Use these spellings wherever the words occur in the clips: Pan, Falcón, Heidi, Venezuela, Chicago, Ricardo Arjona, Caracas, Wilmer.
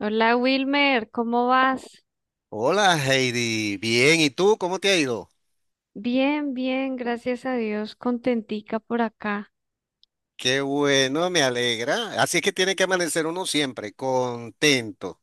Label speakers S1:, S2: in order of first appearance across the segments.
S1: Hola Wilmer, ¿cómo vas?
S2: Hola Heidi, bien, ¿y tú cómo te ha ido?
S1: Bien, bien, gracias a Dios, contentica por acá.
S2: Qué bueno, me alegra. Así es que tiene que amanecer uno siempre, contento.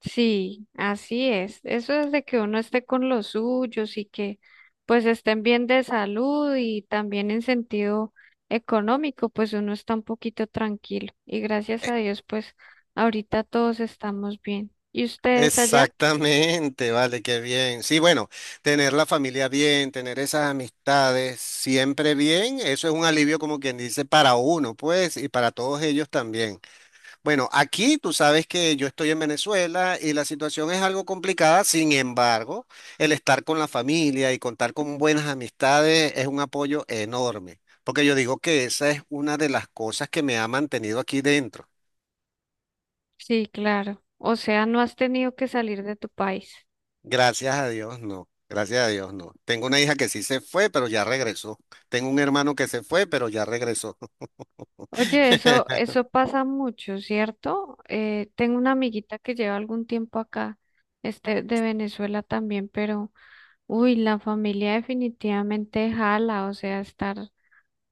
S1: Sí, así es. Eso es de que uno esté con los suyos y que pues estén bien de salud y también en sentido económico, pues uno está un poquito tranquilo. Y gracias
S2: E-
S1: a Dios, pues ahorita todos estamos bien. ¿Y ustedes allá?
S2: Exactamente, vale, qué bien. Sí, bueno, tener la familia bien, tener esas amistades siempre bien, eso es un alivio como quien dice para uno, pues, y para todos ellos también. Bueno, aquí tú sabes que yo estoy en Venezuela y la situación es algo complicada, sin embargo, el estar con la familia y contar con buenas amistades es un apoyo enorme, porque yo digo que esa es una de las cosas que me ha mantenido aquí dentro.
S1: Sí, claro. O sea, no has tenido que salir de tu país.
S2: Gracias a Dios, no, gracias a Dios, no. Tengo una hija que sí se fue, pero ya regresó. Tengo un hermano que se fue, pero ya regresó.
S1: Oye, eso, eso pasa mucho, ¿cierto? Tengo una amiguita que lleva algún tiempo acá, de Venezuela también, pero, uy, la familia definitivamente jala, o sea, estar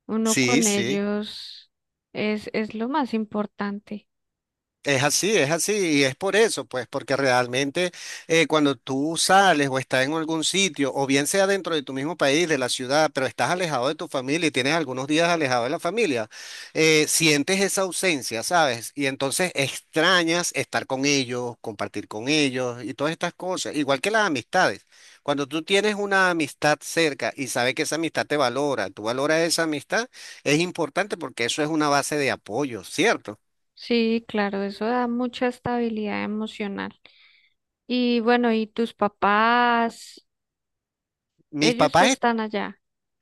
S1: uno
S2: Sí,
S1: con
S2: sí.
S1: ellos es lo más importante.
S2: Es así, y es por eso, pues, porque realmente cuando tú sales o estás en algún sitio, o bien sea dentro de tu mismo país, de la ciudad, pero estás alejado de tu familia y tienes algunos días alejado de la familia, sientes esa ausencia, ¿sabes? Y entonces extrañas estar con ellos, compartir con ellos y todas estas cosas, igual que las amistades. Cuando tú tienes una amistad cerca y sabes que esa amistad te valora, tú valoras esa amistad, es importante porque eso es una base de apoyo, ¿cierto?
S1: Sí, claro, eso da mucha estabilidad emocional. Y bueno, ¿y tus papás?
S2: Mis
S1: Ellos
S2: papás
S1: están allá.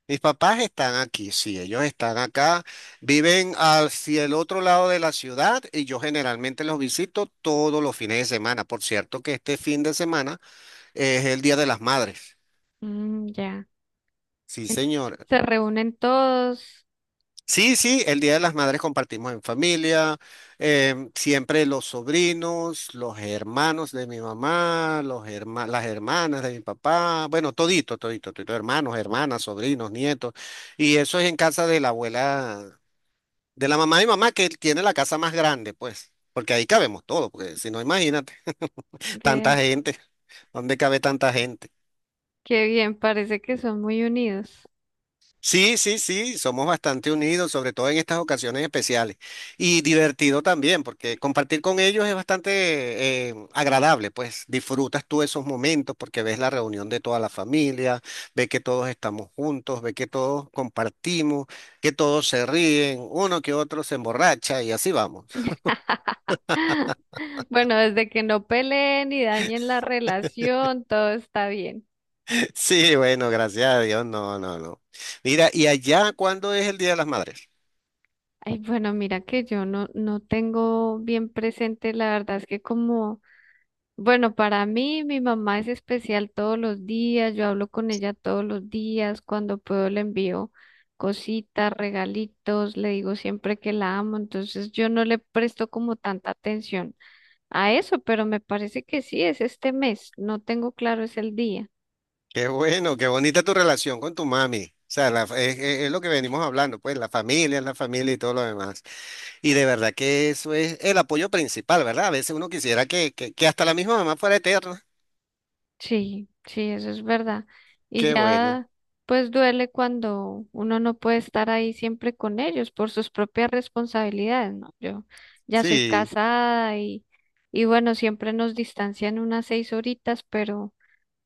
S2: Mis papás están aquí, sí, ellos están acá, viven hacia el otro lado de la ciudad y yo generalmente los visito todos los fines de semana. Por cierto que este fin de semana es el Día de las Madres.
S1: Mm, ya.
S2: Sí,
S1: En-
S2: señor.
S1: Se reúnen todos.
S2: Sí, sí, el Día de las Madres compartimos en familia, siempre los sobrinos, los hermanos de mi mamá, las hermanas de mi papá, bueno, todito, todito, todito, hermanos, hermanas, sobrinos, nietos, y eso es en casa de la abuela. De la mamá de mi mamá que él tiene la casa más grande, pues, porque ahí cabemos todos, porque si no, imagínate, tanta gente, ¿dónde cabe tanta gente?
S1: Qué bien, parece que son muy unidos.
S2: Sí, sí, sí, somos bastante unidos, sobre todo en estas ocasiones especiales. Y divertido también, porque compartir con ellos es bastante agradable, pues disfrutas tú esos momentos porque ves la reunión de toda la familia, ves que todos estamos juntos, ves que todos compartimos, que todos se ríen, uno que otro se emborracha y así vamos.
S1: Bueno, desde que no peleen y dañen la relación, todo está bien.
S2: Sí, bueno, gracias a Dios, no, no, no. Mira, ¿y allá cuándo es el Día de las Madres?
S1: Ay, bueno, mira que yo no, no tengo bien presente, la verdad es que como, bueno, para mí mi mamá es especial todos los días, yo hablo con ella todos los días, cuando puedo le envío cositas, regalitos, le digo siempre que la amo, entonces yo no le presto como tanta atención a eso, pero me parece que sí, es este mes. No tengo claro es el día.
S2: Qué bueno, qué bonita tu relación con tu mami. O sea, la fa- es lo que venimos hablando, pues la familia y todo lo demás. Y de verdad que eso es el apoyo principal, ¿verdad? A veces uno quisiera que hasta la misma mamá fuera eterna.
S1: Sí, sí, eso es verdad. Y
S2: Qué bueno.
S1: ya, pues duele cuando uno no puede estar ahí siempre con ellos por sus propias responsabilidades, ¿no? Yo ya soy
S2: Sí.
S1: casada y bueno, siempre nos distancian unas 6 horitas, pero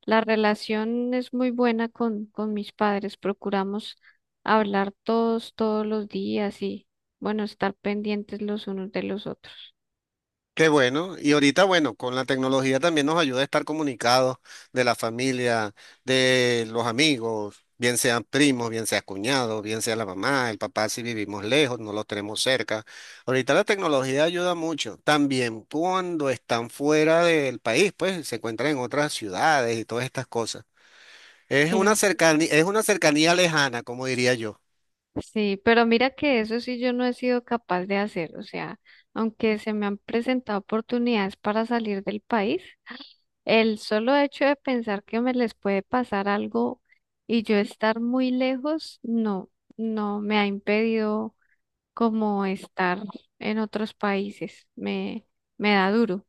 S1: la relación es muy buena con mis padres. Procuramos hablar todos los días y, bueno, estar pendientes los unos de los otros.
S2: Qué bueno. Y ahorita, bueno, con la tecnología también nos ayuda a estar comunicados de la familia, de los amigos, bien sean primos, bien sea cuñados, bien sea la mamá, el papá, si vivimos lejos, no los tenemos cerca. Ahorita la tecnología ayuda mucho. También cuando están fuera del país, pues se encuentran en otras ciudades y todas estas cosas.
S1: Claro.
S2: Es una cercanía lejana, como diría yo.
S1: Sí, pero mira que eso sí yo no he sido capaz de hacer, o sea, aunque se me han presentado oportunidades para salir del país, el solo hecho de pensar que me les puede pasar algo y yo estar muy lejos, no, no me ha impedido como estar en otros países, me da duro,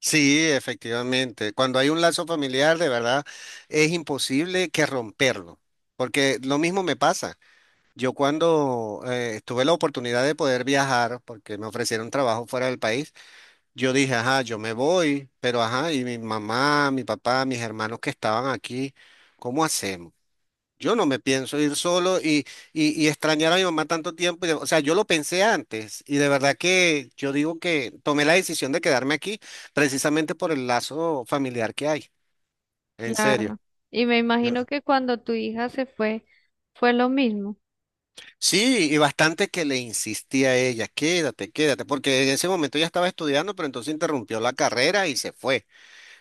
S2: Sí, efectivamente. Cuando hay un lazo familiar, de verdad, es imposible que romperlo, porque lo mismo me pasa. Yo cuando tuve la oportunidad de poder viajar, porque me ofrecieron trabajo fuera del país, yo dije, ajá, yo me voy, pero ajá, y mi mamá, mi papá, mis hermanos que estaban aquí, ¿cómo hacemos? Yo no me pienso ir solo y, y extrañar a mi mamá tanto tiempo. Y de- o sea, yo lo pensé antes y de verdad que yo digo que tomé la decisión de quedarme aquí precisamente por el lazo familiar que hay. En serio.
S1: claro. Y me
S2: Yo-
S1: imagino que cuando tu hija se fue, fue lo mismo.
S2: Sí, y bastante que le insistía a ella, quédate, quédate, porque en ese momento ella estaba estudiando, pero entonces interrumpió la carrera y se fue.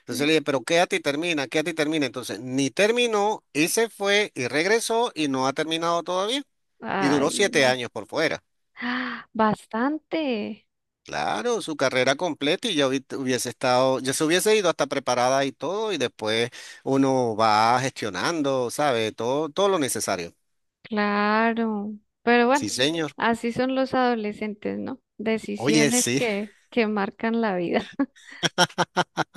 S2: Entonces le dije, pero quédate y termina, quédate y termina. Entonces ni terminó y se fue y regresó y no ha terminado todavía. Y duró
S1: Ay,
S2: siete
S1: no.
S2: años por fuera.
S1: Bastante.
S2: Claro, su carrera completa y ya hubiese estado, ya se hubiese ido hasta preparada y todo, y después uno va gestionando, ¿sabe? Todo, todo lo necesario.
S1: Claro, pero
S2: Sí,
S1: bueno,
S2: señor.
S1: así son los adolescentes, ¿no?
S2: Oye,
S1: Decisiones
S2: sí,
S1: que marcan la vida.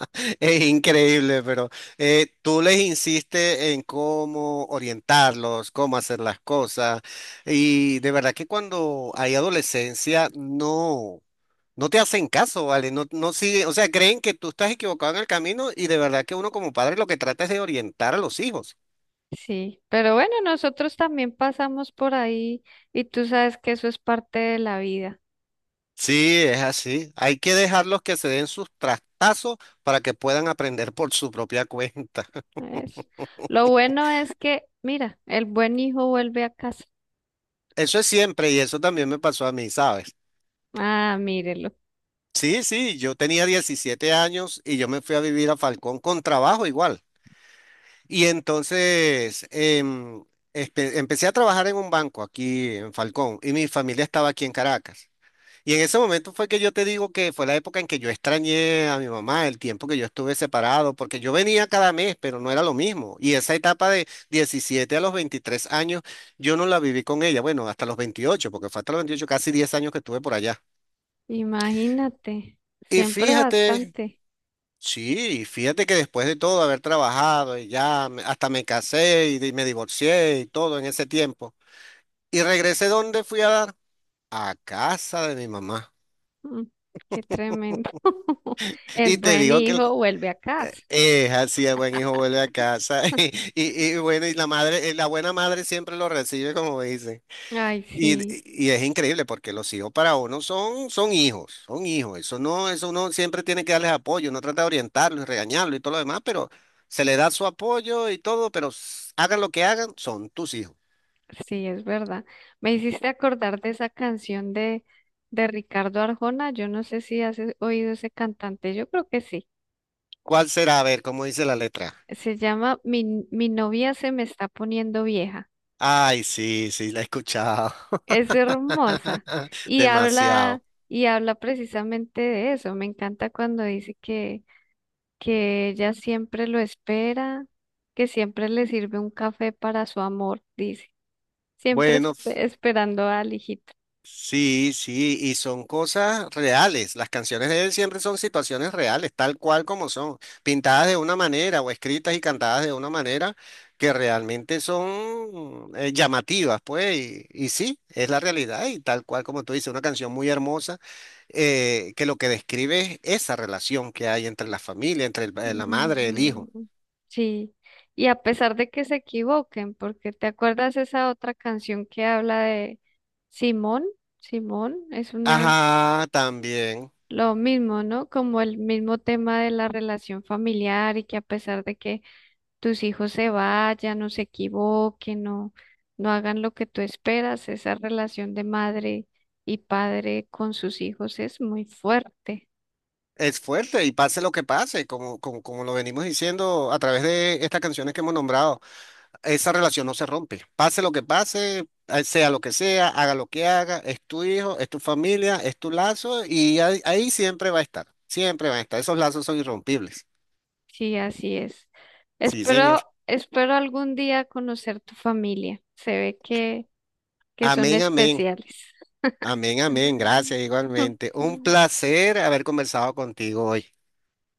S2: es increíble, pero tú les insistes en cómo orientarlos, cómo hacer las cosas, y de verdad que cuando hay adolescencia, no. No te hacen caso, ¿vale? No, no siguen, o sea, creen que tú estás equivocado en el camino y de verdad que uno como padre lo que trata es de orientar a los hijos.
S1: Sí, pero bueno, nosotros también pasamos por ahí y tú sabes que eso es parte de la vida.
S2: Sí, es así. Hay que dejarlos que se den sus trastazos para que puedan aprender por su propia cuenta.
S1: Es- Lo bueno es que, mira, el buen hijo vuelve a casa.
S2: Eso es siempre y eso también me pasó a mí, ¿sabes?
S1: Ah, mírelo.
S2: Sí, sí, yo tenía 17 años y yo me fui a vivir a Falcón con trabajo igual. Y entonces empecé a trabajar en un banco aquí en Falcón y mi familia estaba aquí en Caracas. Y en ese momento fue que yo te digo que fue la época en que yo extrañé a mi mamá, el tiempo que yo estuve separado, porque yo venía cada mes, pero no era lo mismo. Y esa etapa de 17 a los 23 años, yo no la viví con ella, bueno, hasta los 28 porque fue hasta los 28 casi 10 años que estuve por allá.
S1: Imagínate,
S2: Y
S1: siempre
S2: fíjate,
S1: bastante.
S2: sí, fíjate que después de todo haber trabajado y hasta me casé y me divorcié y todo en ese tiempo. Y regresé donde fui a dar, a casa de mi mamá.
S1: Mm, qué tremendo. El
S2: Y te
S1: buen
S2: digo que
S1: hijo vuelve a casa.
S2: Así el buen hijo vuelve a casa y bueno, y la madre, la buena madre siempre lo recibe como dice.
S1: Ay,
S2: Y,
S1: sí.
S2: y es increíble porque los hijos para uno son, son hijos, son hijos. Eso no, eso uno siempre tiene que darles apoyo, uno trata de orientarlos y regañarlos y todo lo demás, pero se le da su apoyo y todo, pero hagan lo que hagan, son tus hijos.
S1: Sí, es verdad. Me hiciste acordar de esa canción de Ricardo Arjona. Yo no sé si has oído ese cantante. Yo creo que sí.
S2: ¿Cuál será? A ver, ¿cómo dice la letra?
S1: Se llama Mi, mi novia se me está poniendo vieja.
S2: Ay, sí, sí, la he escuchado.
S1: Es hermosa. Y habla,
S2: Demasiado.
S1: y habla precisamente de eso. Me encanta cuando dice que ella siempre lo espera, que siempre le sirve un café para su amor, dice. Siempre espe-
S2: Bueno.
S1: Esperando al hijito.
S2: Sí, sí, y son cosas reales. Las canciones de él siempre son situaciones reales, tal cual como son, pintadas de una manera o escritas y cantadas de una manera que realmente son llamativas, pues, y sí, es la realidad y tal cual como tú dices, una canción muy hermosa que lo que describe es esa relación que hay entre la familia, la madre, el hijo.
S1: Ujú. Sí, y a pesar de que se equivoquen, porque ¿te acuerdas esa otra canción que habla de Simón? Simón es una
S2: Ajá, también.
S1: Lo mismo, ¿no? Como el mismo tema de la relación familiar y que a pesar de que tus hijos se vayan, no se equivoquen, no no hagan lo que tú esperas, esa relación de madre y padre con sus hijos es muy fuerte.
S2: Es fuerte y pase lo que pase, como lo venimos diciendo a través de estas canciones que hemos nombrado, esa relación no se rompe. Pase lo que pase, sea lo que sea, haga lo que haga, es tu hijo, es tu familia, es tu lazo y ahí, ahí siempre va a estar, siempre va a estar. Esos lazos son irrompibles.
S1: Sí, así es.
S2: Sí, señor.
S1: Espero algún día conocer tu familia. Se ve que son
S2: Amén, amén,
S1: especiales.
S2: amén, amén. Gracias igualmente. Un placer haber conversado contigo hoy.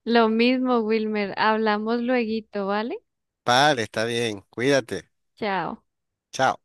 S1: Lo mismo, Wilmer. Hablamos lueguito, ¿vale?
S2: Vale, está bien. Cuídate.
S1: Chao.
S2: Chao.